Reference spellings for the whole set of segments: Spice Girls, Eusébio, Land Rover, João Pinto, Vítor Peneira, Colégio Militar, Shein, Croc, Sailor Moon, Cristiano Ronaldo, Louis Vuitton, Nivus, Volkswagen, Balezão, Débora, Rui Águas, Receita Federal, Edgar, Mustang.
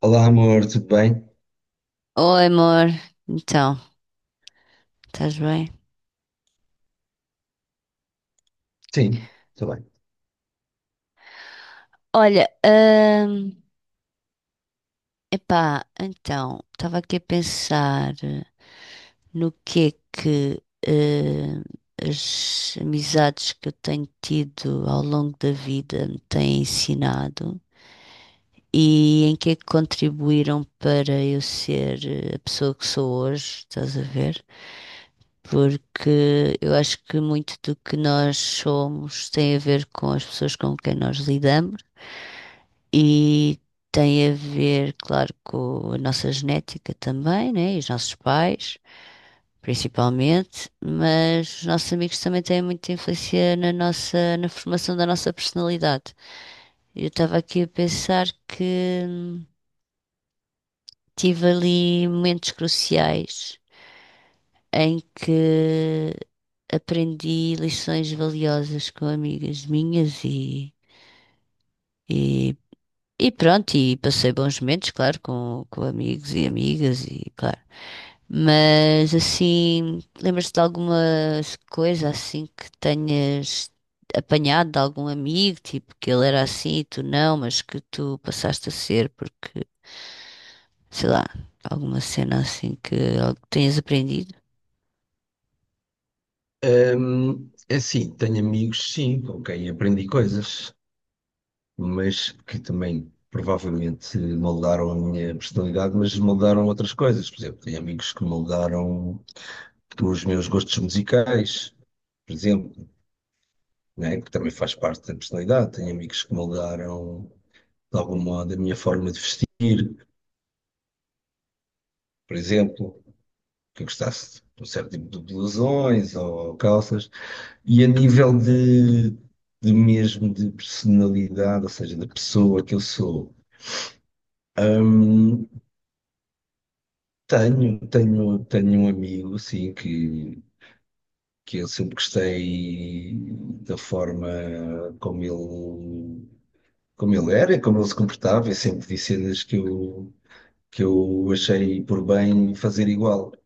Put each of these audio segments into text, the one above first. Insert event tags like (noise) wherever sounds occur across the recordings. Olá, amor, tudo bem? Oi, amor. Então, estás bem? Sim, tudo bem. Olha, epá, então, estava aqui a pensar no que é que hum, as amizades que eu tenho tido ao longo da vida me têm ensinado e em que é que contribuíram para eu ser a pessoa que sou hoje, estás a ver? Porque eu acho que muito do que nós somos tem a ver com as pessoas com quem nós lidamos e tem a ver, claro, com a nossa genética também, né? E os nossos pais, principalmente, mas os nossos amigos também têm muita influência na formação da nossa personalidade. Eu estava aqui a pensar que tive ali momentos cruciais em que aprendi lições valiosas com amigas minhas e, e E pronto, e passei bons momentos, claro, com amigos e amigas e claro. Mas assim, lembras-te de alguma coisa assim que tenhas apanhado de algum amigo, tipo que ele era assim e tu não, mas que tu passaste a ser porque, sei lá, alguma cena assim que, algo que tenhas aprendido? É assim, tenho amigos, sim, com quem aprendi coisas, mas que também provavelmente moldaram a minha personalidade, mas moldaram outras coisas. Por exemplo, tenho amigos que moldaram os meus gostos musicais, por exemplo, né, que também faz parte da personalidade. Tenho amigos que moldaram, de algum modo, a minha forma de vestir, por exemplo, que eu gostasse de um certo tipo de blusões ou calças. E a nível de mesmo de personalidade, ou seja, da pessoa que eu sou, hum, tenho um amigo, assim, que eu sempre gostei da forma como ele, como ele era, e como ele se comportava, eu sempre disse cenas que eu achei por bem fazer igual, estás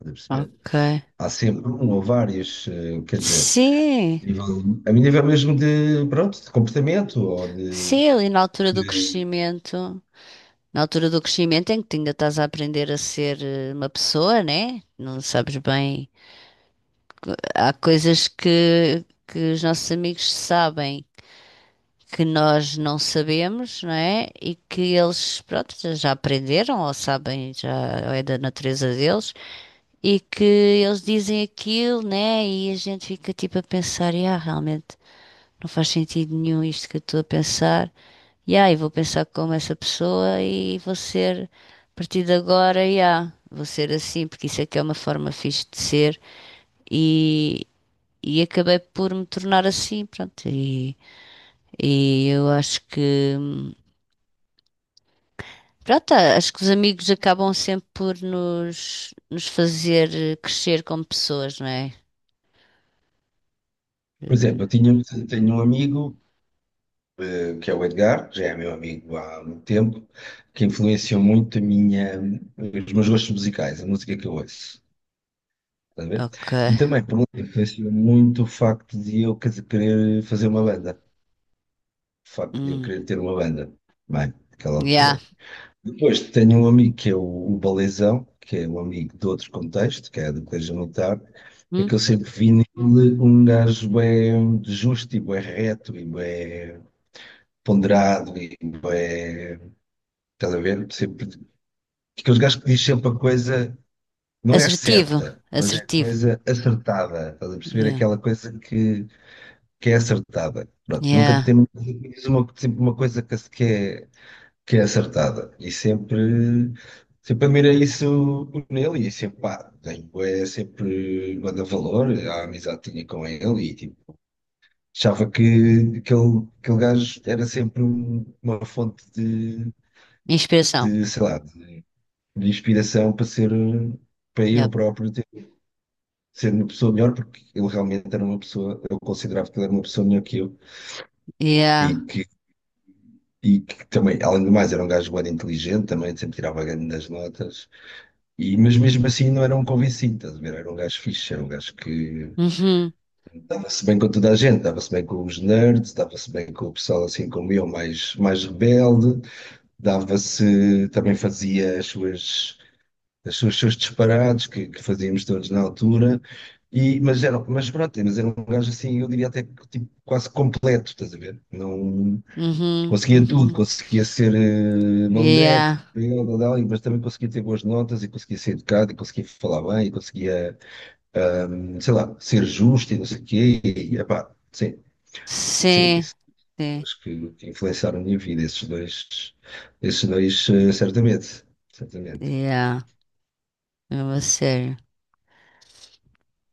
a perceber? Ok. Há sempre um ou vários, quer dizer, Sim, nível a mim nível mesmo de, pronto, de comportamento ou de. sim, ali na altura do crescimento. Na altura do crescimento em que tu ainda estás a aprender a ser uma pessoa, né? Não sabes bem. Há coisas que os nossos amigos sabem que nós não sabemos, não é? E que eles, pronto, já aprenderam ou sabem, já ou é da natureza deles. E que eles dizem aquilo, né? E a gente fica tipo a pensar, ah, realmente. Não faz sentido nenhum isto que eu estou a pensar. E aí, vou pensar como essa pessoa e vou ser, a partir de agora, yeah, vou ser assim, porque isso é que é uma forma fixe de ser. E, e acabei por me tornar assim, pronto. E eu acho que, pronto, acho que os amigos acabam sempre por nos fazer crescer como pessoas, não é? Por Eh, exemplo, tenho um amigo, que é o Edgar, que já é meu amigo há muito tempo, que influenciou muito os meus gostos musicais, a música que eu ouço. Estás a ver? Ok. E também, por um lado, influenciou muito o facto de eu querer fazer uma banda, o facto de eu Hum. querer ter uma banda, bem, naquela Yeah. altura. Depois tenho um amigo que é o Balezão, que é um amigo de outro contexto, que é do Colégio Militar, é que Hum. eu sempre vi nele um gajo bem justo e bem reto e bem ponderado e bué, estás a ver? Sempre, aqueles gajos que diz sempre a coisa não é Assertivo, certa, mas é assertivo. coisa acertada, estás a perceber? Yeah. Aquela coisa que é acertada. Pronto, nunca Yeah. temos uma, sempre uma coisa que, que é acertada e sempre. Sempre admirei isso nele e sempre, pá, tenho, é, sempre manda valor à amizade que tinha com ele e tipo, achava que aquele gajo era sempre um- uma fonte Expressão. de, sei lá, de inspiração para ser, para eu Yep. próprio ter, ser uma pessoa melhor, porque ele realmente era uma pessoa, eu considerava que ele era uma pessoa melhor que eu e Yeah. que, e que também, além do mais, era um gajo bem inteligente também, sempre tirava grandes notas, e, mas mesmo assim não era um convencido, estás a ver? Era um gajo fixe, era um gajo que Uhum. dava-se bem com toda a gente, dava-se bem com os nerds, dava-se bem com o pessoal assim como eu, mais rebelde, dava-se, também fazia as suas os seus disparados que fazíamos todos na altura. E, mas, era, mas pronto, mas era um gajo assim, eu diria até que, tipo, quase completo, estás a ver? Não Uhum. conseguia tudo, Uhum. conseguia ser malandreco, Yeah. eu, dadá, mas também conseguia ter boas notas e conseguia ser educado e conseguia falar bem e conseguia, sei lá, ser justo e não sei o quê. E, epá, sim, sim, Sim. isso Sim. acho que influenciaram a minha vida, esses dois, certamente, certamente. Yeah. É uma série.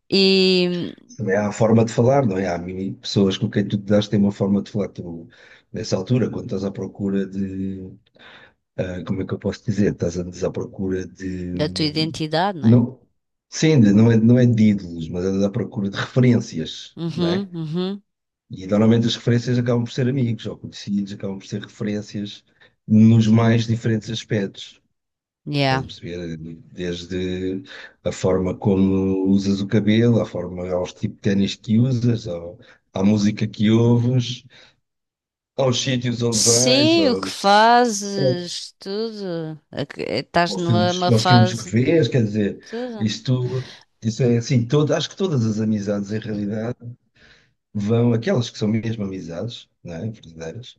E Também há a forma de falar, não é? Há mini- pessoas com quem tu te das têm uma forma de falar. Tu, nessa altura, quando estás à procura de. Ah, como é que eu posso dizer? Estás andas à procura da tua de. identidade, não é? Não, sim, de- não é, não é de ídolos, mas andas à procura de referências, não Uhum. é? Uhum. E normalmente as referências acabam por ser amigos ou conhecidos, acabam por ser referências nos mais diferentes aspectos. Estás Yeah. a perceber? Desde a forma como usas o cabelo, à forma, aos tipos de ténis que usas, ao- à música que ouves, aos sítios onde vais, Sim, o que aos, pronto, fazes, tudo. Ok. Estás numa numa aos filmes que fase, vês, quer dizer, tudo. isto, isso é assim, todo, acho que todas as amizades em realidade vão, aquelas que são mesmo amizades, não é? Verdadeiras.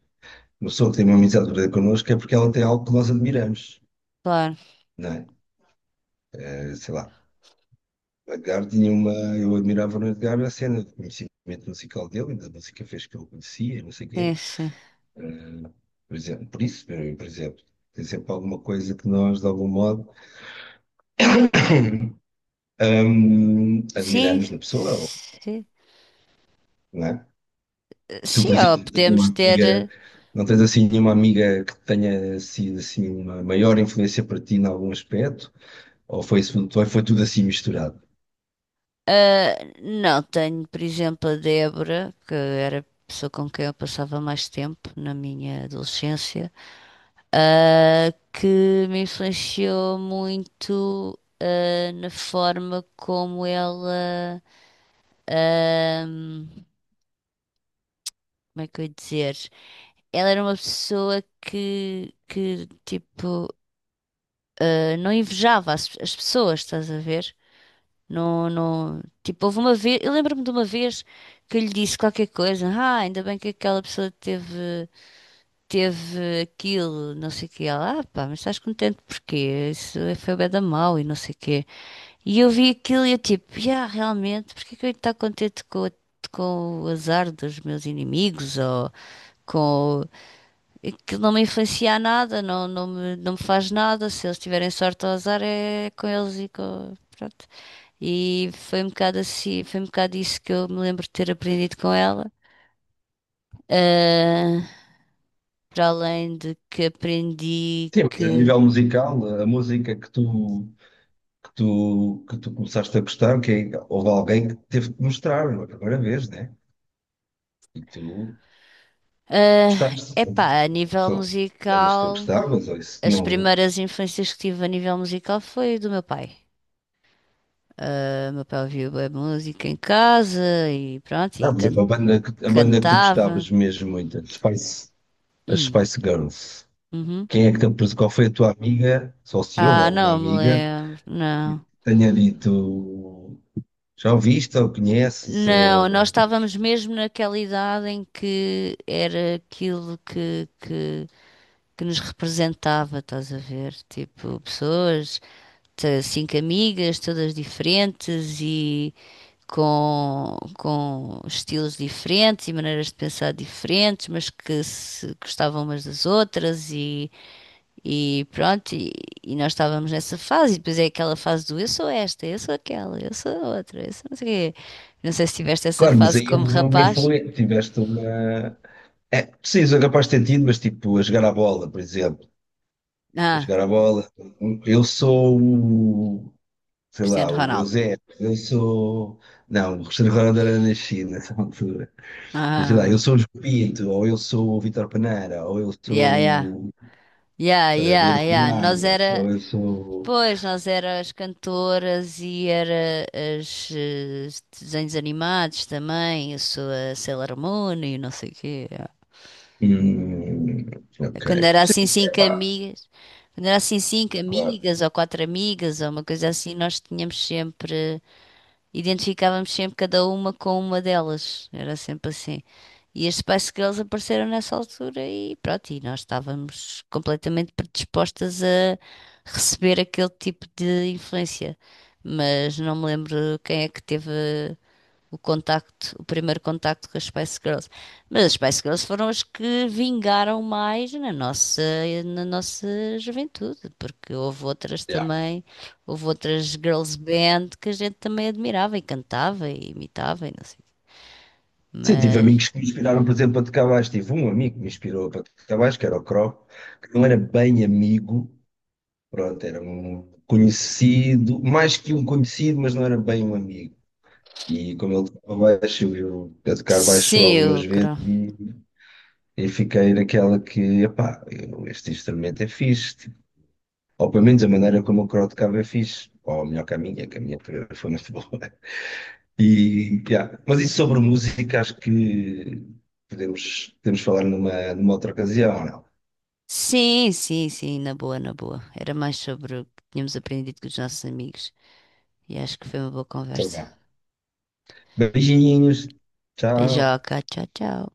Uma pessoa que tem uma amizade verdadeira connosco é porque ela tem algo que nós admiramos, Claro. não é? Sei lá. O Edgar tinha uma. Eu admirava no Edgar a cena do conhecimento musical dele, da música fez que eu conhecia, não sei o quê. Sim, sim. Por exemplo, por isso, por exemplo, tem sempre alguma coisa que nós, de algum modo, Sim. admiramos na pessoa, ou, Sim, não é? Tu, sim, por ó, exemplo, tens uma podemos ter. amiga, não tens assim nenhuma amiga que tenha sido assim uma maior influência para ti em algum aspecto? Ou foi, isso- ou foi tudo assim misturado? Ah, não, tenho, por exemplo, a Débora, que era a pessoa com quem eu passava mais tempo na minha adolescência, que me influenciou muito, na forma como ela, ahm, como é que eu ia dizer? Ela era uma pessoa que tipo, não invejava as pessoas, estás a ver? Não, não. Tipo, houve uma vez. Eu lembro-me de uma vez que eu lhe disse qualquer coisa. Ah, ainda bem que aquela pessoa teve aquilo, não sei o quê. Ela, ah, pá, mas estás contente porquê? Isso foi bué da mau e não sei o quê. E eu vi aquilo e eu tipo, yeah, realmente, porquê que eu ia estar contente com o azar dos meus inimigos? Ou com. Aquilo não me influencia a nada, não, não me faz nada. Se eles tiverem sorte ou azar, é com eles e com. Pronto. E foi um bocado assim, foi um bocado isso que eu me lembro de ter aprendido com ela. Ah, para além de que aprendi Sim, mas a que, nível musical, a música que tu que tu começaste a gostar, que é- houve alguém que teve que mostrar, não é a primeira vez, né? E tu gostaste, epá, a nível sei lá, mas as que tu musical, gostavas, ou isso as não. primeiras influências que tive a nível musical foi do meu pai. Ah, meu pai ouvia bué música em casa e pronto, e Ah, por exemplo, a banda que tu cantava. gostavas mesmo muito, as Hum, Spice Girls. uhum. Quem é que te apres- qual foi a tua amiga, só se houve Ah, alguma não me amiga, lembro, que não. tenha dito, já ouviste ou conheces, Não, nós ou... estávamos mesmo naquela idade em que era aquilo que nos representava, estás a ver? Tipo, pessoas, cinco amigas, todas diferentes e com estilos diferentes e maneiras de pensar diferentes, mas que se gostavam umas das outras e pronto, e nós estávamos nessa fase, e depois é aquela fase do eu sou esta, eu sou aquela, eu sou a outra, eu sou não sei o quê. Não sei se tiveste essa Claro, mas fase aí como houve uma rapaz. influência, tiveste uma... É, sim, sou capaz de ter tido, mas tipo, a jogar à bola, por exemplo. Para Ah, jogar a bola. Eu sou o, sei lá, Cristiano o Ronaldo. Eusébio. Eu sou. Não, o Cristiano Ronaldo na China (laughs) nessa altura. Mas sei lá, eu Ah, sou o João Pinto, ou eu sou o Vítor Peneira, ou eu yeah, yeah. sou o. Yeah, Estás a ver yeah, o Rui yeah. Nós Águas, era, ou eu sou. pois, nós era as cantoras e era as desenhos animados também. Eu sou a Sailor Moon e não sei o quê. Hum, ok. Quando era Sim, assim é cinco pá, amigas, quando era assim cinco claro. amigas ou quatro amigas ou uma coisa assim, nós tínhamos sempre, identificávamos sempre cada uma com uma delas. Era sempre assim. E as Spice Girls apareceram nessa altura e pronto, e nós estávamos completamente predispostas a receber aquele tipo de influência. Mas não me lembro quem é que teve o contacto, o primeiro contacto com as Spice Girls. Mas as Spice Girls foram as que vingaram mais na nossa juventude, porque houve outras Yeah. também, houve outras girls band que a gente também admirava e cantava e imitava e não sei o quê. Sim, tive Mas amigos que me inspiraram, por exemplo, para tocar baixo. Tive um amigo que me inspirou para tocar baixo, que era o Croc, que não era bem amigo. Pronto, era um conhecido, mais que um conhecido, mas não era bem um amigo. E como ele tocava baixo, eu a tocar baixo sim, algumas vezes e fiquei naquela que, epá, eu- este instrumento é fixe. Tipo, ou pelo menos a maneira como o Crow tocava é fixe. Ou melhor que a minha foi muito boa. (laughs) E, yeah. Mas isso sobre música, acho que podemos, podemos falar numa, numa outra ocasião, ou não? sim, sim, sim, na boa, na boa. Era mais sobre o que tínhamos aprendido com os nossos amigos. E acho que foi uma boa Então, conversa. vá. Beijinhos, tchau. Beijoca, tchau, tchau.